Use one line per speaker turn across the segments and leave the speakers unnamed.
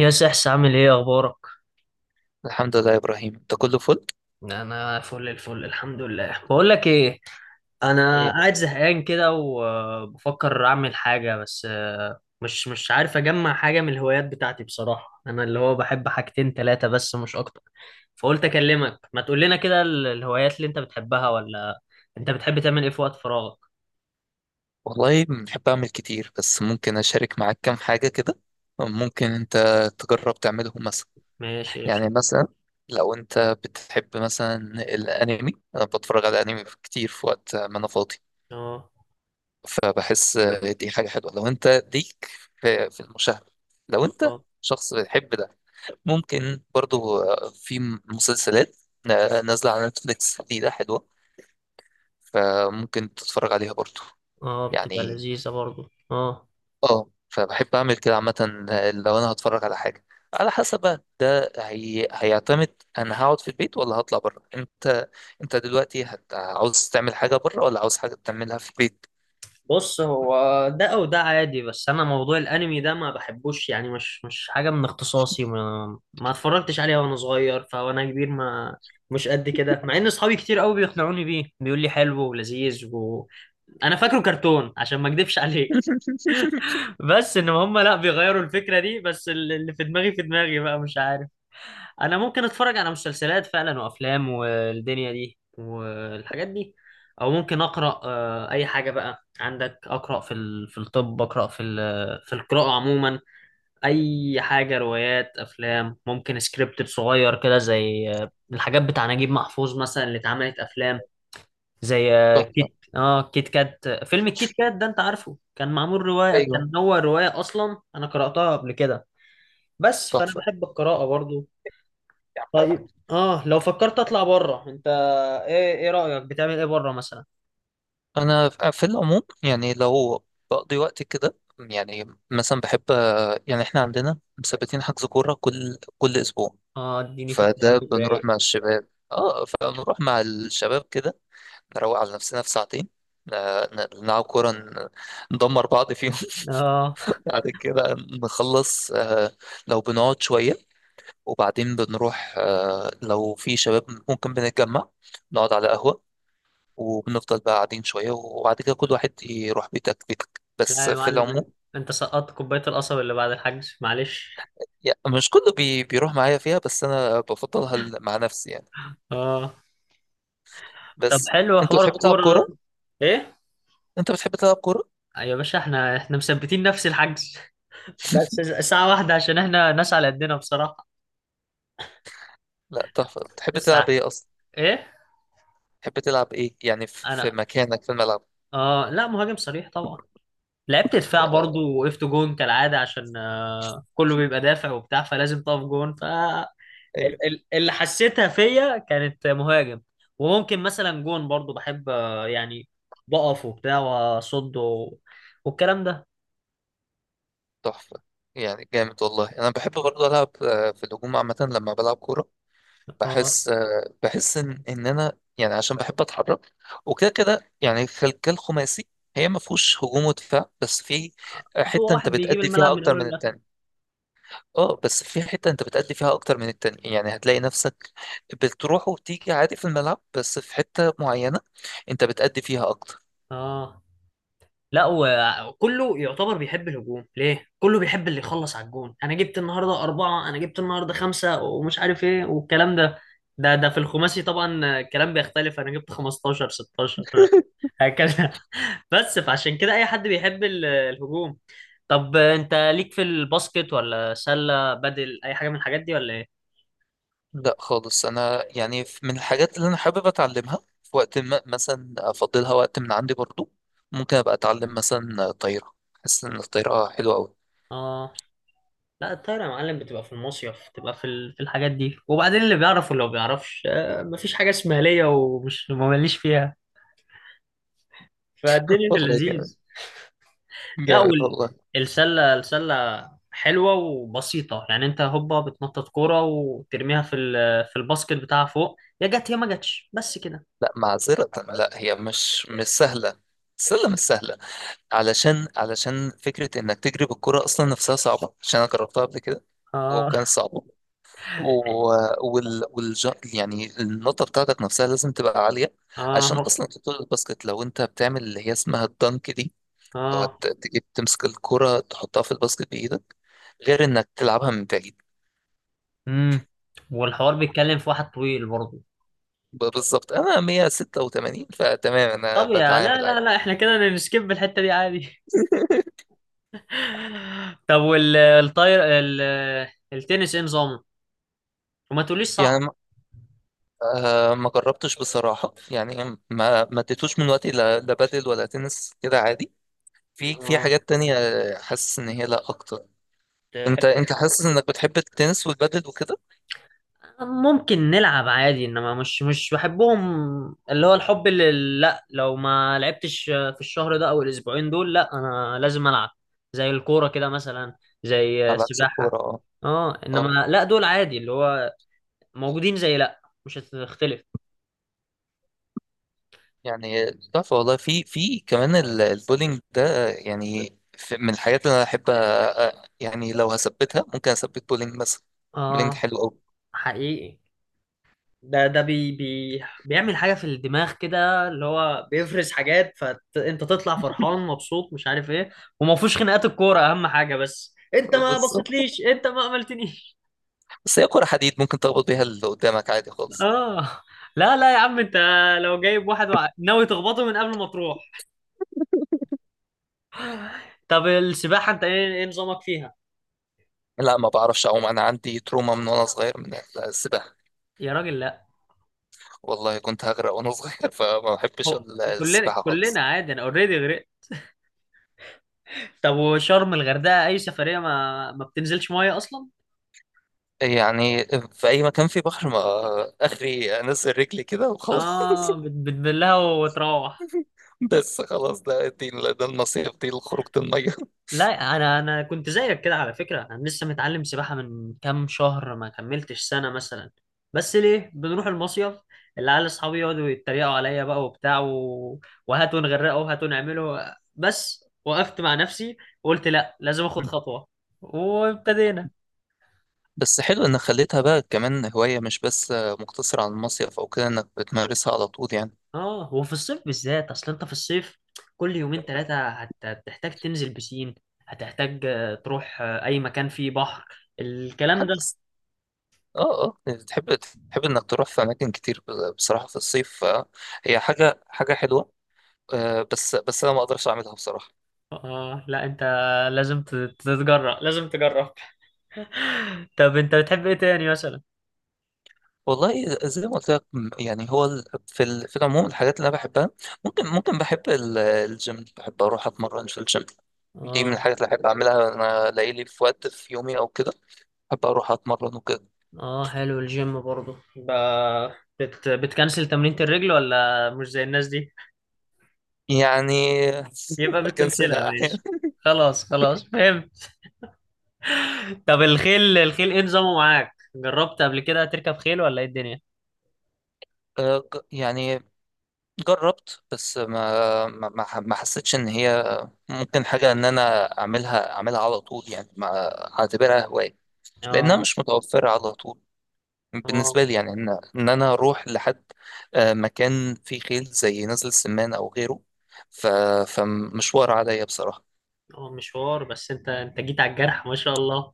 يا سحس، عامل ايه؟ اخبارك؟
الحمد لله يا إبراهيم أنت كله فل؟
انا فل الفل، الحمد لله. بقول لك ايه، انا
إيه؟
قاعد زهقان كده وبفكر اعمل حاجه، بس مش عارف اجمع حاجه من الهوايات بتاعتي. بصراحه انا اللي هو بحب حاجتين ثلاثه بس، مش اكتر. فقلت اكلمك ما تقول لنا كده الهوايات اللي انت بتحبها ولا. انت بتحب تعمل ايه في وقت فراغك؟
والله بحب أعمل كتير، بس ممكن أشارك معاك كام حاجة كده. ممكن أنت تجرب تعملهم مثلا.
ماشي، قشطة.
يعني مثلا لو أنت بتحب مثلا الأنمي، أنا بتفرج على أنمي كتير في وقت ما أنا فاضي،
اه،
فبحس دي حاجة حلوة لو أنت ليك في المشاهدة. لو أنت
اه،
شخص بتحب ده، ممكن برضو في مسلسلات نازلة على نتفليكس دي، ده حلوة فممكن تتفرج عليها برضو.
اه، بتبقى
يعني،
لذيذه برضو، اه.
اه فبحب اعمل كده عامة. لو انا هتفرج على حاجة، على حسب بقى هيعتمد انا هقعد في البيت ولا هطلع بره. انت دلوقتي عاوز تعمل حاجة بره ولا عاوز حاجة تعملها في البيت؟
بص، هو ده او ده عادي، بس انا موضوع الانمي ده ما بحبوش، يعني مش حاجه من اختصاصي، ما اتفرجتش عليها وانا صغير، فوانا كبير ما مش قد كده، مع ان اصحابي كتير قوي بيقنعوني بيه، بيقول لي حلو ولذيذ انا فاكره كرتون عشان ما اكدبش عليك. بس ان هم لا بيغيروا الفكره دي، بس اللي في دماغي في دماغي بقى مش عارف. انا ممكن اتفرج على مسلسلات فعلا وافلام والدنيا دي والحاجات دي، او ممكن اقرا، اي حاجه بقى عندك، اقرا في في الطب، اقرا في في القراءه عموما، اي حاجه، روايات، افلام، ممكن سكريبت صغير كده زي الحاجات بتاع نجيب محفوظ مثلا، اللي اتعملت افلام، زي
تحفة.
كيت كات، فيلم الكيت كات ده، انت عارفه كان معمول روايه،
ايوه،
كان هو روايه اصلا، انا قراتها قبل كده. بس فانا
تحفة.
بحب القراءه برضو.
يعني
طيب، لو فكرت اطلع بره انت، ايه رايك؟ بتعمل ايه بره مثلا؟
انا في العموم، يعني لو بقضي وقت كده، يعني مثلا بحب، يعني احنا عندنا مثبتين حجز كورة كل اسبوع.
اه، اديني في الكلام
فده بنروح
الرايق.
مع الشباب اه فبنروح مع الشباب كده، نروق على نفسنا في ساعتين، ن- نلعب كورة، ندمر بعض فيهم.
اه،
بعد كده نخلص، لو بنقعد شوية وبعدين بنروح، لو في شباب ممكن بنتجمع نقعد على قهوة وبنفضل بقى قاعدين شوية، وبعد كده كل واحد يروح بيتك بيتك. بس
لا يا
في
معلم، انت
العموم
أنت سقطت كوبايه القصب اللي بعد الحجز، معلش.
يعني مش كله بيروح معايا فيها، بس أنا بفضلها مع نفسي يعني.
اه، طب
بس
حلو
أنت
حوار
بتحب تلعب
الكوره
كورة؟
ده. ايه؟
أنت بتحب تلعب كورة؟
يا باشا، احنا مثبتين نفس الحجز. بس ساعه واحده، عشان احنا ناس على قدنا بصراحه.
لا تحفة، بتحب تلعب
الساعه؟
إيه أصلا؟
ايه؟
بتحب تلعب إيه يعني في
انا،
مكانك في الملعب؟
اه لا، مهاجم صريح طبعا. لعبت دفاع برضو، وقفت جون كالعاده عشان كله بيبقى دافع وبتاع، فلازم تقف جون.
ايوه،
اللي حسيتها فيا كانت مهاجم. وممكن مثلا جون برضو، بحب يعني بقف وبتاع، واصد و- والكلام ده.
تحفة. يعني جامد والله، انا بحب برضه العب في الهجوم عامة لما بلعب كورة.
آه،
بحس ان انا، يعني عشان بحب اتحرك وكده كده، يعني الخلية الخماسي هي ما فيهوش هجوم ودفاع، بس في
هو
حتة انت
واحد بيجيب
بتأدي فيها
الملعب من
اكتر
اوله
من
لاخره.
التاني. اه، بس في حتة انت بتأدي فيها اكتر من التاني، يعني هتلاقي نفسك بتروح وتيجي عادي في الملعب، بس في حتة معينة انت بتأدي فيها اكتر.
اه، لا، وكله يعتبر بيحب الهجوم، ليه كله بيحب اللي يخلص على الجون. انا جبت النهارده أربعة، انا جبت النهارده خمسة، ومش عارف ايه والكلام ده. ده في الخماسي، طبعا الكلام بيختلف، انا جبت 15 16 هكذا. بس فعشان كده اي حد بيحب الهجوم. طب انت ليك في الباسكت، ولا سلة، بدل اي حاجة من الحاجات دي، ولا ايه؟
لا خالص، انا يعني من الحاجات اللي انا حابب اتعلمها في وقت ما، مثلا افضلها وقت من عندي برضو، ممكن ابقى اتعلم مثلا طايره. حاسس ان الطايره حلوه قوي.
اه، لا، الطايرة يا معلم بتبقى في المصيف، بتبقى في في الحاجات دي. وبعدين اللي بيعرف واللي ما بيعرفش، مفيش حاجة اسمها ليا ومش ماليش فيها، فالدنيا في
والله جامد،
اللذيذ. لا،
جامد والله.
السلة، السلة حلوة وبسيطة، يعني انت هوبا بتنطط كورة وترميها في في الباسكت بتاعها فوق، يا جت يا ما جتش، بس كده.
لا معذره، لا هي مش سهله، السله مش سهله. علشان فكره انك تجري بالكره اصلا نفسها صعبه، عشان انا جربتها قبل كده وكان
اه،
صعب، و- وال والج... يعني النقطة بتاعتك نفسها لازم تبقى عالية، عشان
اه،
أصلا تطول الباسكت لو أنت بتعمل اللي هي اسمها الدنك دي. لو
اه،
تجيب تمسك الكرة تحطها في الباسكت بإيدك، غير إنك تلعبها من بعيد.
امم والحوار بيتكلم في واحد طويل برضه.
بالظبط، أنا 186 فتمام، أنا
طب، يا لا
بتعامل
لا
عادي.
لا، احنا كده نسكيب الحتة دي عادي. طب والطاير، التنس، ايه نظامه؟ وما تقوليش صعب.
يعني ما جربتش بصراحة، يعني ما اديتوش من وقتي لا بادل ولا تنس كده عادي. في
اه.
حاجات تانية، حاسس إن هي لا أكتر.
تحب
انت حاسس انك بتحب التنس والبادل وكده؟
ممكن نلعب عادي، انما مش بحبهم. اللي هو الحب اللي، لا، لو ما لعبتش في الشهر ده او الاسبوعين دول، لا انا لازم العب، زي الكورة كده مثلا، زي
على عكس الكوره
السباحة.
اه.
اه، انما
اه،
لا، دول عادي، اللي هو موجودين زي، لا مش هتختلف.
يعني تحفه والله. في كمان البولينج ده، يعني في من الحاجات اللي انا احب يعني، لو هثبتها ممكن اثبت بولينج مثلا. بولينج
اه،
حلو قوي.
حقيقي. ده بي بيعمل حاجة في الدماغ كده، اللي هو بيفرز حاجات، فانت تطلع فرحان مبسوط مش عارف ايه، وما فيهوش خناقات الكورة، اهم حاجة. بس انت ما
بالظبط،
بصيتليش، انت ما عملتنيش.
بس هي كره حديد ممكن تخبط بيها اللي قدامك عادي خالص.
اه، لا لا يا عم، انت لو جايب واحد ناوي تخبطه من قبل ما تروح. طب السباحة، انت ايه نظامك فيها؟
لا ما بعرفش اعوم، انا عندي تروما من وانا صغير من السباحه،
يا راجل، لا.
والله كنت هغرق وانا صغير. فما بحبش
هو كلنا،
السباحه
كلنا
خالص.
عادي، انا اوريدي غرقت. طب وشرم الغردقة اي سفرية، ما بتنزلش مية اصلا.
يعني في أي مكان في بحر، ما آخري أنزل رجلي كده وخلاص.
اه، بتبلها وتروح.
بس خلاص، ده النصيحة دي لخروجة المية.
لا، انا كنت زيك كده على فكره، انا لسه متعلم سباحه من كام شهر، ما كملتش سنه مثلا. بس ليه بنروح المصيف، العيال اصحابي يقعدوا يتريقوا عليا بقى وبتاع وهاتوا نغرقه وهاتوا نعمله، بس وقفت مع نفسي وقلت لا، لازم اخد خطوه، وابتدينا.
بس حلو إنك خليتها بقى كمان هواية، مش بس مقتصرة على المصيف أو كده، إنك بتمارسها على طول يعني.
اه، وفي الصيف بالذات، اصل انت في الصيف كل يومين ثلاثه هتحتاج تنزل بسين، هتحتاج تروح اي مكان فيه بحر، الكلام ده.
حدث. اه، اه، يعني تحب إنك تروح في أماكن كتير، بصراحة في الصيف، فهي حاجة حاجة حلوة. بس أنا ما أقدرش أعملها بصراحة.
اه، لا انت، لازم تتجرأ، لازم تجرب. طب انت بتحب ايه تاني مثلا؟
والله زي ما قلت لك، يعني هو في العموم الحاجات اللي انا بحبها، ممكن بحب الجيم، بحب اروح اتمرن في الجيم. دي من
اه،
الحاجات اللي احب اعملها، انا الاقي لي في وقت في يومي او كده، بحب اروح اتمرن وكده
اه، حلو الجيم برضه، بتكنسل تمرينة الرجل، ولا مش زي الناس دي؟
يعني.
يبقى
بكنسلها
بتكنسلها،
احيانا.
ماشي. خلاص خلاص، فهمت. طب الخيل، الخيل ايه نظامه معاك؟ جربت قبل كده تركب خيل، ولا ايه الدنيا؟
يعني جربت، بس ما حسيتش ان هي ممكن حاجه ان انا اعملها على طول، يعني ما اعتبرها هوايه، لانها
اه،
مش متوفره على طول
اه،
بالنسبة لي. يعني إن أنا أروح لحد مكان فيه خيل زي نزل السمان أو غيره، ف... فمشوار عليا بصراحة.
هو مشوار، بس انت جيت على الجرح ما شاء الله.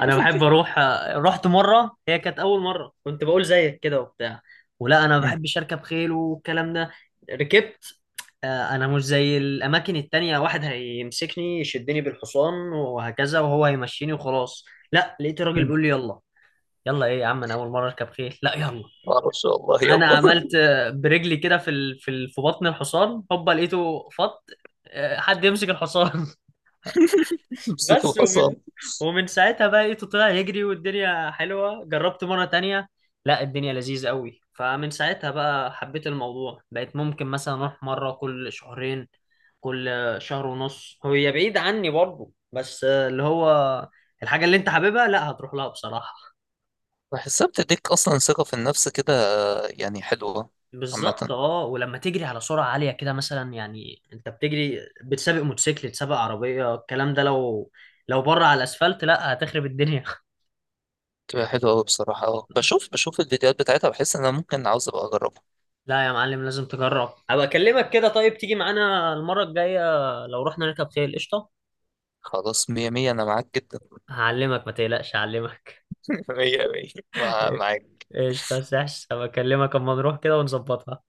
انا بحب اروح، رحت مره، هي كانت اول مره كنت بقول زيك كده وبتاع، ولا انا ما
مم.
بحبش اركب خيل والكلام ده. ركبت، انا مش زي الاماكن التانية، واحد هيمسكني يشدني بالحصان وهكذا، وهو هيمشيني وخلاص، لا، لقيت الراجل
مم.
بيقول لي يلا. يلا ايه يا عم؟ انا اول مره اركب خيل، لا يلا.
معرفش والله،
انا
يلا.
عملت برجلي كده في ال- في ال- في بطن الحصان، هوبا لقيته فط. حد يمسك الحصان.
امسك
بس، ومن
الحصان.
ومن ساعتها بقى لقيته طلع يجري، والدنيا حلوة. جربت مرة تانية، لا، الدنيا لذيذة قوي. فمن ساعتها بقى حبيت الموضوع، بقيت ممكن مثلا أروح مرة كل شهرين، كل شهر ونص، هي بعيد عني برضه، بس اللي هو الحاجة اللي أنت حاببها لا هتروح لها بصراحة.
بحسها بتديك أصلا ثقة في النفس كده، يعني حلوة.
بالظبط.
عامة
اه، ولما تجري على سرعة عالية كده مثلا، يعني انت بتجري، بتسابق موتوسيكل، تسابق عربية، الكلام ده، لو بره على الاسفلت، لا هتخرب الدنيا.
بتبقى حلوة أوي بصراحة. بشوف الفيديوهات بتاعتها، بحس إن أنا ممكن عاوز أبقى أجربها.
لا يا معلم، لازم تجرب، ابقى اكلمك كده. طيب تيجي معانا المرة الجاية، لو رحنا نركب خيل؟ قشطة.
خلاص مية مية، أنا معاك جدا.
هعلمك، ما تقلقش، هعلمك.
مية مية، معاك.
قشطة يا سحس، هبقى اكلمك اما نروح كده ونظبطها.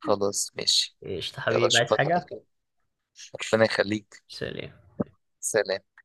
خلاص ماشي،
قشطة
يلا
حبيبي، عايز
أشوفك على
حاجة؟
خير، ربنا يخليك.
سلام.
سلام.